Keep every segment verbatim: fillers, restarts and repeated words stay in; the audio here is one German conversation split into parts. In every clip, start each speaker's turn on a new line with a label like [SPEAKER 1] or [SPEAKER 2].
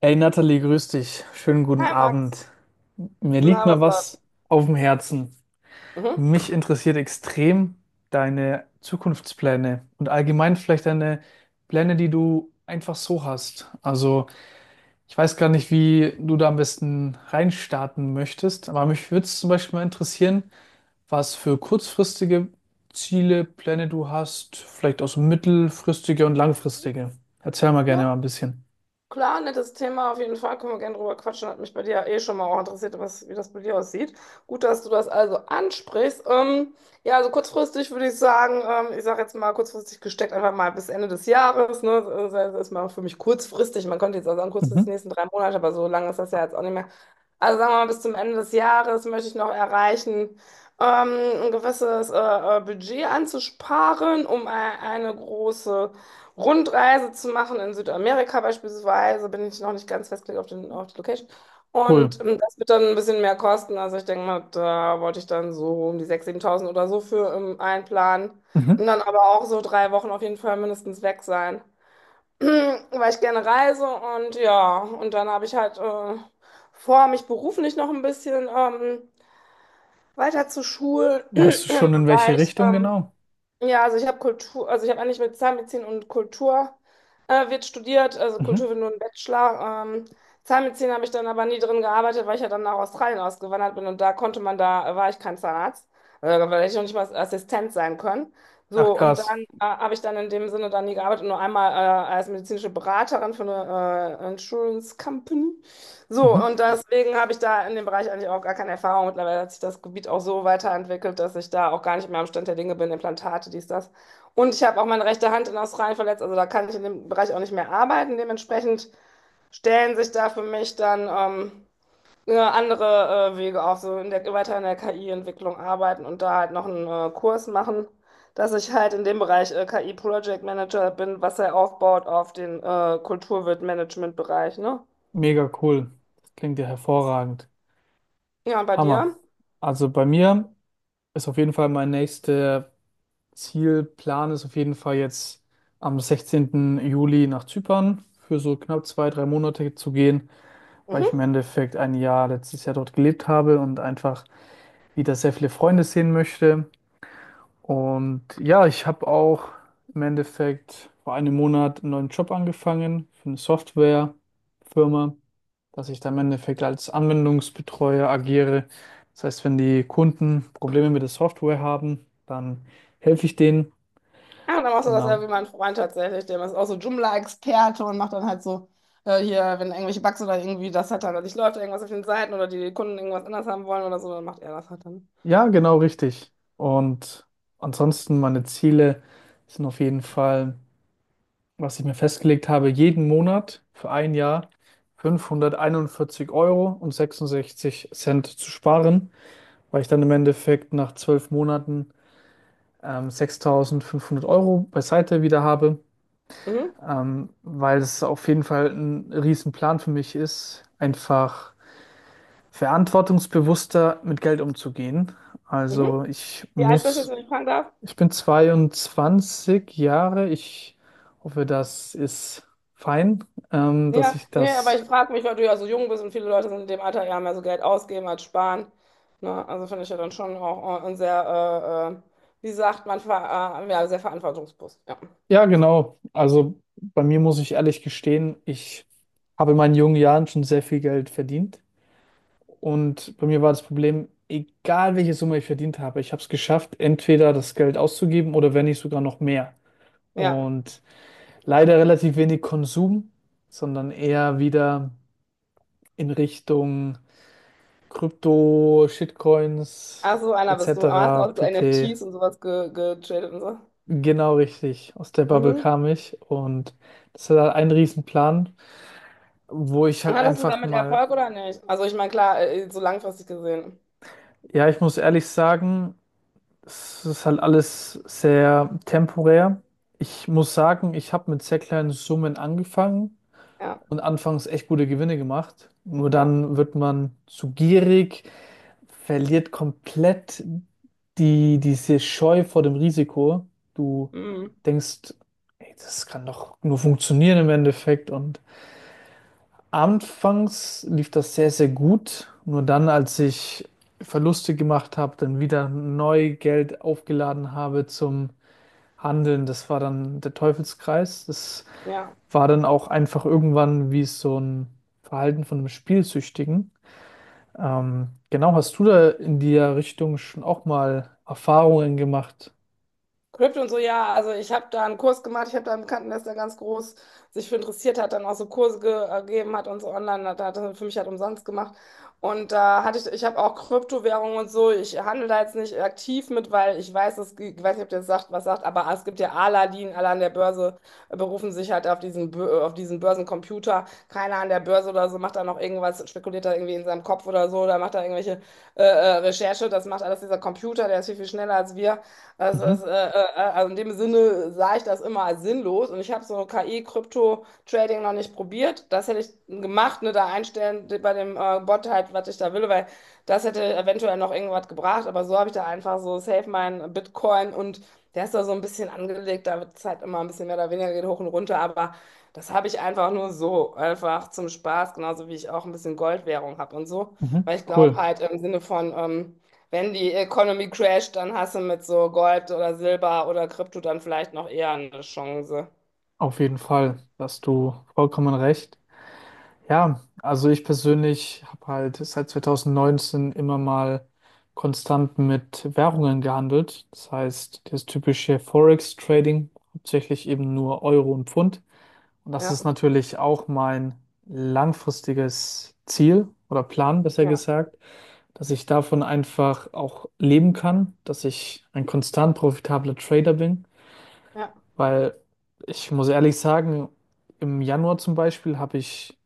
[SPEAKER 1] Hey Nathalie, grüß dich. Schönen guten
[SPEAKER 2] Hi Max,
[SPEAKER 1] Abend. Mir liegt
[SPEAKER 2] na,
[SPEAKER 1] mal
[SPEAKER 2] was läuft?
[SPEAKER 1] was auf dem Herzen.
[SPEAKER 2] Mhm.
[SPEAKER 1] Mich interessiert extrem deine Zukunftspläne und allgemein vielleicht deine Pläne, die du einfach so hast. Also ich weiß gar nicht, wie du da am besten reinstarten möchtest, aber mich würde es zum Beispiel mal interessieren, was für kurzfristige Ziele, Pläne du hast, vielleicht auch so mittelfristige und langfristige. Erzähl mal gerne
[SPEAKER 2] Ja,
[SPEAKER 1] mal ein bisschen.
[SPEAKER 2] klar, nettes Thema auf jeden Fall. Können wir gerne drüber quatschen. Hat mich bei dir eh schon mal auch interessiert, was, wie das bei dir aussieht. Gut, dass du das also ansprichst. Ähm, ja, also kurzfristig würde ich sagen, ähm, ich sage jetzt mal kurzfristig gesteckt, einfach mal bis Ende des Jahres. Ne? Das das ist mal für mich kurzfristig. Man könnte jetzt auch sagen, kurzfristig die
[SPEAKER 1] Mhm.
[SPEAKER 2] nächsten drei Monate, aber so lange ist das ja jetzt auch nicht mehr. Also sagen wir mal, bis zum Ende des Jahres möchte ich noch erreichen, ähm, ein gewisses äh, äh, Budget anzusparen, um e- eine große Rundreise zu machen in Südamerika beispielsweise, bin ich noch nicht ganz festgelegt auf den, auf die Location.
[SPEAKER 1] Cool.
[SPEAKER 2] Und ähm, das wird dann ein bisschen mehr kosten. Also ich denke mal, da wollte ich dann so um die sechstausend, siebentausend oder so für ähm, einplanen. Und
[SPEAKER 1] Mhm.
[SPEAKER 2] dann aber auch so drei Wochen auf jeden Fall mindestens weg sein, weil ich gerne reise. Und ja, und dann habe ich halt äh, vor, mich beruflich noch ein bisschen ähm, weiter zu schulen
[SPEAKER 1] Weißt du
[SPEAKER 2] im
[SPEAKER 1] schon, in welche
[SPEAKER 2] Bereich.
[SPEAKER 1] Richtung
[SPEAKER 2] Ähm,
[SPEAKER 1] genau?
[SPEAKER 2] ja, also ich habe Kultur, also ich habe eigentlich mit Zahnmedizin und Kultur äh, wird studiert, also
[SPEAKER 1] Mhm.
[SPEAKER 2] Kultur wird nur ein Bachelor. Ähm, Zahnmedizin habe ich dann aber nie drin gearbeitet, weil ich ja dann nach Australien ausgewandert bin und da konnte man, da war ich kein Zahnarzt, äh, da hätte ich noch nicht mal Assistent sein können.
[SPEAKER 1] Ach
[SPEAKER 2] So, und
[SPEAKER 1] krass.
[SPEAKER 2] dann äh, habe ich dann in dem Sinne dann nie gearbeitet, nur einmal äh, als medizinische Beraterin für eine äh, Insurance Company. So,
[SPEAKER 1] Mhm.
[SPEAKER 2] und deswegen habe ich da in dem Bereich eigentlich auch gar keine Erfahrung. Mittlerweile hat sich das Gebiet auch so weiterentwickelt, dass ich da auch gar nicht mehr am Stand der Dinge bin, Implantate, dies, das. Und ich habe auch meine rechte Hand in Australien verletzt, also da kann ich in dem Bereich auch nicht mehr arbeiten. Dementsprechend stellen sich da für mich dann ähm, äh, andere äh, Wege auf, so in der, weiter in der K I-Entwicklung arbeiten und da halt noch einen äh, Kurs machen, dass ich halt in dem Bereich äh, K I Project Manager bin, was er aufbaut auf den äh, Kulturwirt-Management-Bereich, ne?
[SPEAKER 1] Mega cool. Das klingt ja hervorragend.
[SPEAKER 2] Ja, und bei
[SPEAKER 1] Hammer.
[SPEAKER 2] dir?
[SPEAKER 1] Also bei mir ist auf jeden Fall mein nächster Zielplan ist auf jeden Fall jetzt am sechzehnten Juli nach Zypern für so knapp zwei, drei Monate zu gehen, weil ich
[SPEAKER 2] Mhm.
[SPEAKER 1] im Endeffekt ein Jahr letztes Jahr dort gelebt habe und einfach wieder sehr viele Freunde sehen möchte. Und ja, ich habe auch im Endeffekt vor einem Monat einen neuen Job angefangen für eine Softwarefirma, dass ich da im Endeffekt als Anwendungsbetreuer agiere. Das heißt, wenn die Kunden Probleme mit der Software haben, dann helfe ich denen.
[SPEAKER 2] Ja, und dann machst du das ja
[SPEAKER 1] Genau.
[SPEAKER 2] wie mein Freund tatsächlich. Der ist auch so Joomla-Experte und macht dann halt so, äh, hier, wenn irgendwelche Bugs oder irgendwie das hat dann nicht läuft, irgendwas auf den Seiten oder die Kunden irgendwas anders haben wollen oder so, dann macht er das halt dann.
[SPEAKER 1] Ja, genau richtig. Und ansonsten meine Ziele sind auf jeden Fall. was ich mir festgelegt habe, jeden Monat für ein Jahr fünfhunderteinundvierzig Euro und sechsundsechzig Cent zu sparen, weil ich dann im Endeffekt nach zwölf Monaten ähm, sechstausendfünfhundert Euro beiseite wieder habe,
[SPEAKER 2] Mhm,
[SPEAKER 1] ähm, weil es auf jeden Fall ein Riesenplan für mich ist, einfach verantwortungsbewusster mit Geld umzugehen.
[SPEAKER 2] mhm.
[SPEAKER 1] Also ich
[SPEAKER 2] Wie alt bist du jetzt,
[SPEAKER 1] muss
[SPEAKER 2] wenn ich fragen darf?
[SPEAKER 1] Ich bin zweiundzwanzig Jahre. Ich hoffe, das ist fein, ähm, dass
[SPEAKER 2] Ja,
[SPEAKER 1] ich
[SPEAKER 2] nee, aber
[SPEAKER 1] das.
[SPEAKER 2] ich frage mich, weil du ja so jung bist und viele Leute sind in dem Alter ja mehr so Geld ausgeben als sparen. Ne? Also finde ich ja dann schon auch äh, ein sehr, äh, äh, wie sagt man, ver äh, ja, sehr verantwortungsbewusst. Ja.
[SPEAKER 1] Ja, genau. Also bei mir muss ich ehrlich gestehen, ich habe in meinen jungen Jahren schon sehr viel Geld verdient. Und bei mir war das Problem, egal welche Summe ich verdient habe, ich habe es geschafft, entweder das Geld auszugeben oder wenn nicht sogar noch mehr.
[SPEAKER 2] Ja.
[SPEAKER 1] Und leider relativ wenig Konsum, sondern eher wieder in Richtung. Krypto, Shitcoins
[SPEAKER 2] Ach so, einer bist du. Aber hast du
[SPEAKER 1] et cetera
[SPEAKER 2] auch so
[SPEAKER 1] pp.
[SPEAKER 2] N F Ts und sowas ge getradet und so?
[SPEAKER 1] Genau richtig. Aus der Bubble
[SPEAKER 2] Mhm.
[SPEAKER 1] kam ich und das war halt ein Riesenplan, wo ich
[SPEAKER 2] Und
[SPEAKER 1] halt
[SPEAKER 2] hattest du
[SPEAKER 1] einfach
[SPEAKER 2] damit
[SPEAKER 1] mal,
[SPEAKER 2] Erfolg oder nicht? Also ich meine, klar, äh, so langfristig gesehen.
[SPEAKER 1] ja, ich muss ehrlich sagen, es ist halt alles sehr temporär. Ich muss sagen, ich habe mit sehr kleinen Summen angefangen
[SPEAKER 2] Ja,
[SPEAKER 1] und anfangs echt gute Gewinne gemacht. Nur
[SPEAKER 2] ja.
[SPEAKER 1] dann wird man zu gierig, verliert komplett die, diese Scheu vor dem Risiko. Du
[SPEAKER 2] Mhm.
[SPEAKER 1] denkst, ey, das kann doch nur funktionieren im Endeffekt. Und anfangs lief das sehr, sehr gut. Nur dann, als ich Verluste gemacht habe, dann wieder neu Geld aufgeladen habe zum Handeln, das war dann der Teufelskreis. Das
[SPEAKER 2] Ja.
[SPEAKER 1] war dann auch einfach irgendwann wie so ein Verhalten von einem Spielsüchtigen. Ähm, genau, hast du da in der Richtung schon auch mal Erfahrungen gemacht?
[SPEAKER 2] Krypto und so, ja, also ich habe da einen Kurs gemacht, ich habe da einen Bekannten, der ist da ganz groß sich für interessiert hat, dann auch so Kurse ge äh, gegeben hat und so online, hat, hat er für mich halt umsonst gemacht. Und da hatte ich, ich habe auch Kryptowährungen und so, ich handle da jetzt nicht aktiv mit, weil ich weiß, es, ich weiß nicht, ob ihr das sagt, was sagt, aber es gibt ja Aladdin, alle an der Börse äh, berufen sich halt auf diesen, Bö- auf diesen Börsencomputer, keiner an der Börse oder so macht da noch irgendwas, spekuliert da irgendwie in seinem Kopf oder so, oder macht da irgendwelche äh, äh, Recherche, das macht alles dieser Computer, der ist viel, viel schneller als wir. Also, es,
[SPEAKER 1] Mhm,
[SPEAKER 2] äh, äh, äh, also in dem Sinne sah ich das immer als sinnlos und ich habe so K I-Krypto-Trading noch nicht probiert. Das hätte ich gemacht, ne, da einstellen bei dem äh, Bot halt, was ich da will, weil das hätte eventuell noch irgendwas gebracht, aber so habe ich da einfach so safe mein Bitcoin und der ist da so ein bisschen angelegt, da wird es halt immer ein bisschen mehr oder weniger geht hoch und runter, aber das habe ich einfach nur so, einfach zum Spaß, genauso wie ich auch ein bisschen Goldwährung habe und so,
[SPEAKER 1] mhm,
[SPEAKER 2] weil ich glaube
[SPEAKER 1] cool.
[SPEAKER 2] halt im Sinne von, ähm, wenn die Economy crasht, dann hast du mit so Gold oder Silber oder Krypto dann vielleicht noch eher eine Chance.
[SPEAKER 1] Auf jeden Fall, da hast du vollkommen recht. Ja, also ich persönlich habe halt seit zwanzig neunzehn immer mal konstant mit Währungen gehandelt. Das heißt, das typische Forex-Trading, hauptsächlich eben nur Euro und Pfund. Und das
[SPEAKER 2] Ja,
[SPEAKER 1] ist natürlich auch mein langfristiges Ziel oder Plan, besser
[SPEAKER 2] ja,
[SPEAKER 1] gesagt, dass ich davon einfach auch leben kann, dass ich ein konstant profitabler Trader bin,
[SPEAKER 2] ja,
[SPEAKER 1] weil ich muss ehrlich sagen, im Januar zum Beispiel habe ich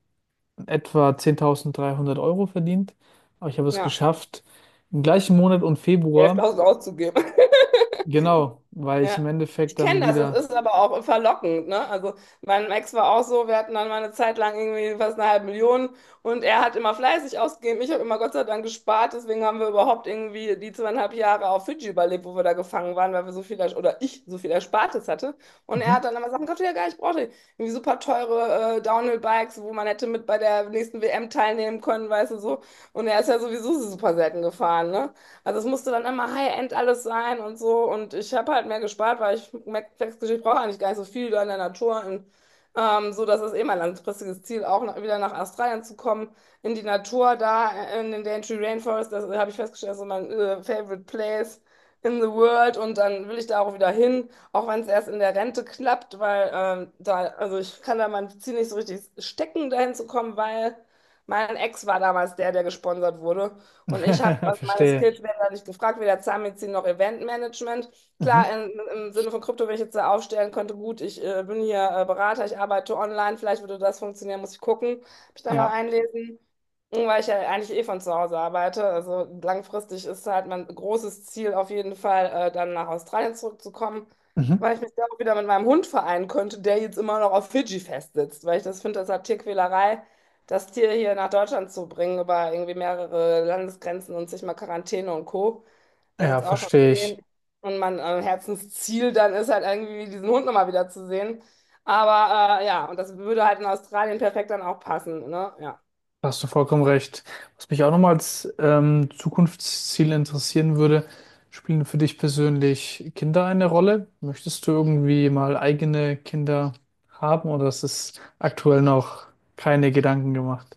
[SPEAKER 1] etwa zehntausenddreihundert Euro verdient, aber ich habe es
[SPEAKER 2] ja.
[SPEAKER 1] geschafft, im gleichen Monat und Februar,
[SPEAKER 2] elftausend auszugeben.
[SPEAKER 1] genau, weil ich im
[SPEAKER 2] Ja, ich
[SPEAKER 1] Endeffekt dann
[SPEAKER 2] kenne das, es
[SPEAKER 1] wieder,
[SPEAKER 2] ist aber auch verlockend, ne? Also mein Ex war auch so, wir hatten dann mal eine Zeit lang irgendwie fast eine halbe Million und er hat immer fleißig ausgegeben. Ich habe immer Gott sei Dank gespart, deswegen haben wir überhaupt irgendwie die zweieinhalb Jahre auf Fidschi überlebt, wo wir da gefangen waren, weil wir so viel, ers- oder ich so viel Erspartes hatte. Und er
[SPEAKER 1] mhm.
[SPEAKER 2] hat dann immer Sachen gekauft, die er gar nicht brauchte. Irgendwie super teure äh, Downhill-Bikes, wo man hätte mit bei der nächsten W M teilnehmen können, weißt du so. Und er ist ja sowieso super selten gefahren, ne? Also es musste dann immer High-End alles sein und so. Und ich habe halt mehr gespart, weil ich merke, ich brauche eigentlich gar nicht so viel da in der Natur. Und, ähm, so, dass es eh mein langfristiges Ziel, auch noch, wieder nach Australien zu kommen, in die Natur da, äh, in den Daintree Rainforest. Das habe ich festgestellt, das ist so mein äh, favorite place in the world. Und dann will ich da auch wieder hin, auch wenn es erst in der Rente klappt, weil ähm, da, also ich kann da mein Ziel nicht so richtig stecken, dahin zu kommen, weil mein Ex war damals der, der gesponsert wurde. Und ich habe, also meine
[SPEAKER 1] Verstehe.
[SPEAKER 2] Skills werden da nicht gefragt, weder Zahnmedizin noch Eventmanagement. Klar,
[SPEAKER 1] Mhm.
[SPEAKER 2] in, im Sinne von Krypto, wenn ich jetzt da aufstellen könnte, gut, ich äh, bin hier äh, Berater, ich arbeite online, vielleicht würde das funktionieren, muss ich gucken, mich da mal
[SPEAKER 1] Ja,
[SPEAKER 2] einlesen, weil ich ja eigentlich eh von zu Hause arbeite. Also langfristig ist halt mein großes Ziel auf jeden Fall, äh, dann nach Australien zurückzukommen,
[SPEAKER 1] mhm.
[SPEAKER 2] weil ich mich da auch wieder mit meinem Hund vereinen könnte, der jetzt immer noch auf Fidschi festsitzt, weil ich das finde, das hat Tierquälerei das Tier hier nach Deutschland zu bringen, über irgendwie mehrere Landesgrenzen und sich mal Quarantäne und Co. Der ist
[SPEAKER 1] Ja,
[SPEAKER 2] jetzt auch schon
[SPEAKER 1] verstehe ich.
[SPEAKER 2] zehn. Und mein äh, Herzensziel dann ist halt irgendwie, diesen Hund nochmal wieder zu sehen. Aber äh, ja, und das würde halt in Australien perfekt dann auch passen, ne? Ja.
[SPEAKER 1] Da hast du vollkommen recht. Was mich auch nochmal als ähm, Zukunftsziel interessieren würde, spielen für dich persönlich Kinder eine Rolle? Möchtest du irgendwie mal eigene Kinder haben oder ist es aktuell noch keine Gedanken gemacht?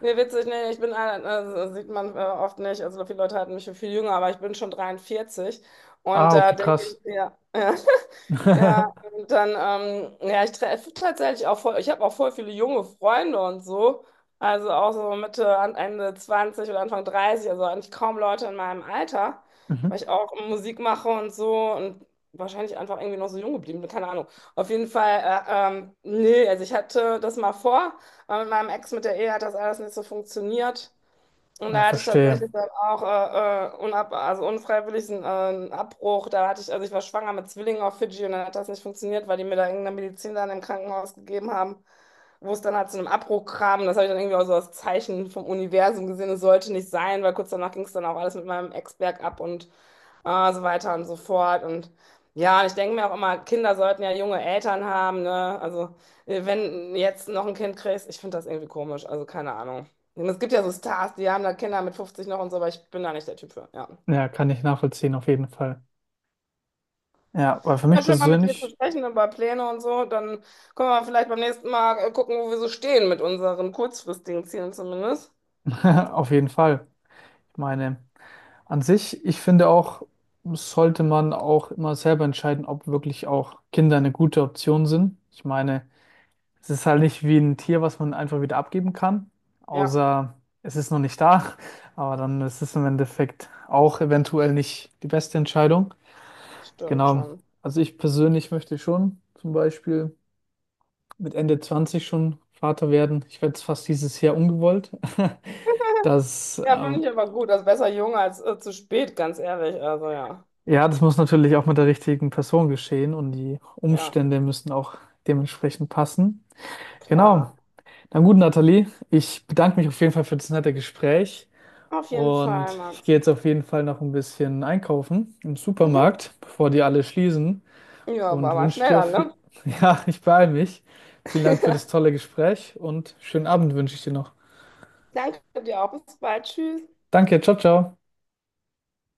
[SPEAKER 2] Nee, witzig, nee, ich bin, ein- äh, sieht man äh, oft nicht, also viele Leute halten mich für viel jünger, aber ich bin schon dreiundvierzig und
[SPEAKER 1] Ah,
[SPEAKER 2] da
[SPEAKER 1] okay,
[SPEAKER 2] äh, denke ich,
[SPEAKER 1] krass.
[SPEAKER 2] ja, ja. Ja, und dann, ähm, ja, ich treffe tatsächlich auch voll, ich habe auch voll viele junge Freunde und so. Also auch so Mitte, an- Ende zwanzig oder Anfang dreißig, also eigentlich kaum Leute in meinem Alter, weil
[SPEAKER 1] Mhm.
[SPEAKER 2] ich auch Musik mache und so und wahrscheinlich einfach irgendwie noch so jung geblieben bin, keine Ahnung. Auf jeden Fall, äh, ähm, nee, also ich hatte das mal vor, aber mit meinem Ex, mit der Ehe hat das alles nicht so funktioniert. Und
[SPEAKER 1] Ja,
[SPEAKER 2] da hatte ich
[SPEAKER 1] verstehe.
[SPEAKER 2] tatsächlich dann auch äh, äh, unab also unfreiwillig einen, äh, einen Abbruch. Da hatte ich, also ich war schwanger mit Zwillingen auf Fidschi und dann hat das nicht funktioniert, weil die mir da irgendeine Medizin dann im Krankenhaus gegeben haben, wo es dann halt zu einem Abbruch kam. Das habe ich dann irgendwie auch so als Zeichen vom Universum gesehen. Es sollte nicht sein, weil kurz danach ging es dann auch alles mit meinem Ex bergab und Ah, so weiter und so fort. Und ja, ich denke mir auch immer, Kinder sollten ja junge Eltern haben, ne? Also, äh, wenn jetzt noch ein Kind kriegst, ich finde das irgendwie komisch. Also, keine Ahnung. Es gibt ja so Stars, die haben da Kinder mit fünfzig noch und so, aber ich bin da nicht der Typ für. Ja.
[SPEAKER 1] Ja, kann ich nachvollziehen, auf jeden Fall. Ja, weil für mich
[SPEAKER 2] Ja, schön mal mit dir zu
[SPEAKER 1] persönlich,
[SPEAKER 2] sprechen über Pläne und so. Dann können wir vielleicht beim nächsten Mal äh, gucken, wo wir so stehen mit unseren kurzfristigen Zielen zumindest.
[SPEAKER 1] auf jeden Fall. Ich meine, an sich, ich finde auch, sollte man auch immer selber entscheiden, ob wirklich auch Kinder eine gute Option sind. Ich meine, es ist halt nicht wie ein Tier, was man einfach wieder abgeben kann,
[SPEAKER 2] Ja,
[SPEAKER 1] außer es ist noch nicht da. Aber dann ist es im Endeffekt auch eventuell nicht die beste Entscheidung.
[SPEAKER 2] stimmt
[SPEAKER 1] Genau.
[SPEAKER 2] schon.
[SPEAKER 1] Also ich persönlich möchte schon zum Beispiel mit Ende zwanzig schon Vater werden. Ich werde es fast dieses Jahr ungewollt. Das
[SPEAKER 2] Ja,
[SPEAKER 1] äh,
[SPEAKER 2] finde ich aber gut. Also besser jung als äh, zu spät, ganz ehrlich. Also, ja.
[SPEAKER 1] Ja, das muss natürlich auch mit der richtigen Person geschehen und die
[SPEAKER 2] Ja,
[SPEAKER 1] Umstände müssen auch dementsprechend passen.
[SPEAKER 2] klar.
[SPEAKER 1] Genau. Na gut, Nathalie, ich bedanke mich auf jeden Fall für das nette Gespräch
[SPEAKER 2] Auf jeden Fall,
[SPEAKER 1] und ich
[SPEAKER 2] Max.
[SPEAKER 1] gehe jetzt auf jeden Fall noch ein bisschen einkaufen im
[SPEAKER 2] Mhm.
[SPEAKER 1] Supermarkt, bevor die alle schließen
[SPEAKER 2] Ja,
[SPEAKER 1] und
[SPEAKER 2] war, war
[SPEAKER 1] wünsche
[SPEAKER 2] schnell
[SPEAKER 1] dir,
[SPEAKER 2] an,
[SPEAKER 1] auf...
[SPEAKER 2] ne?
[SPEAKER 1] ja, ich beeile mich. Vielen Dank für das tolle Gespräch und schönen Abend wünsche ich dir noch.
[SPEAKER 2] Danke dir auch. Bis bald. Tschüss.
[SPEAKER 1] Danke, ciao, ciao.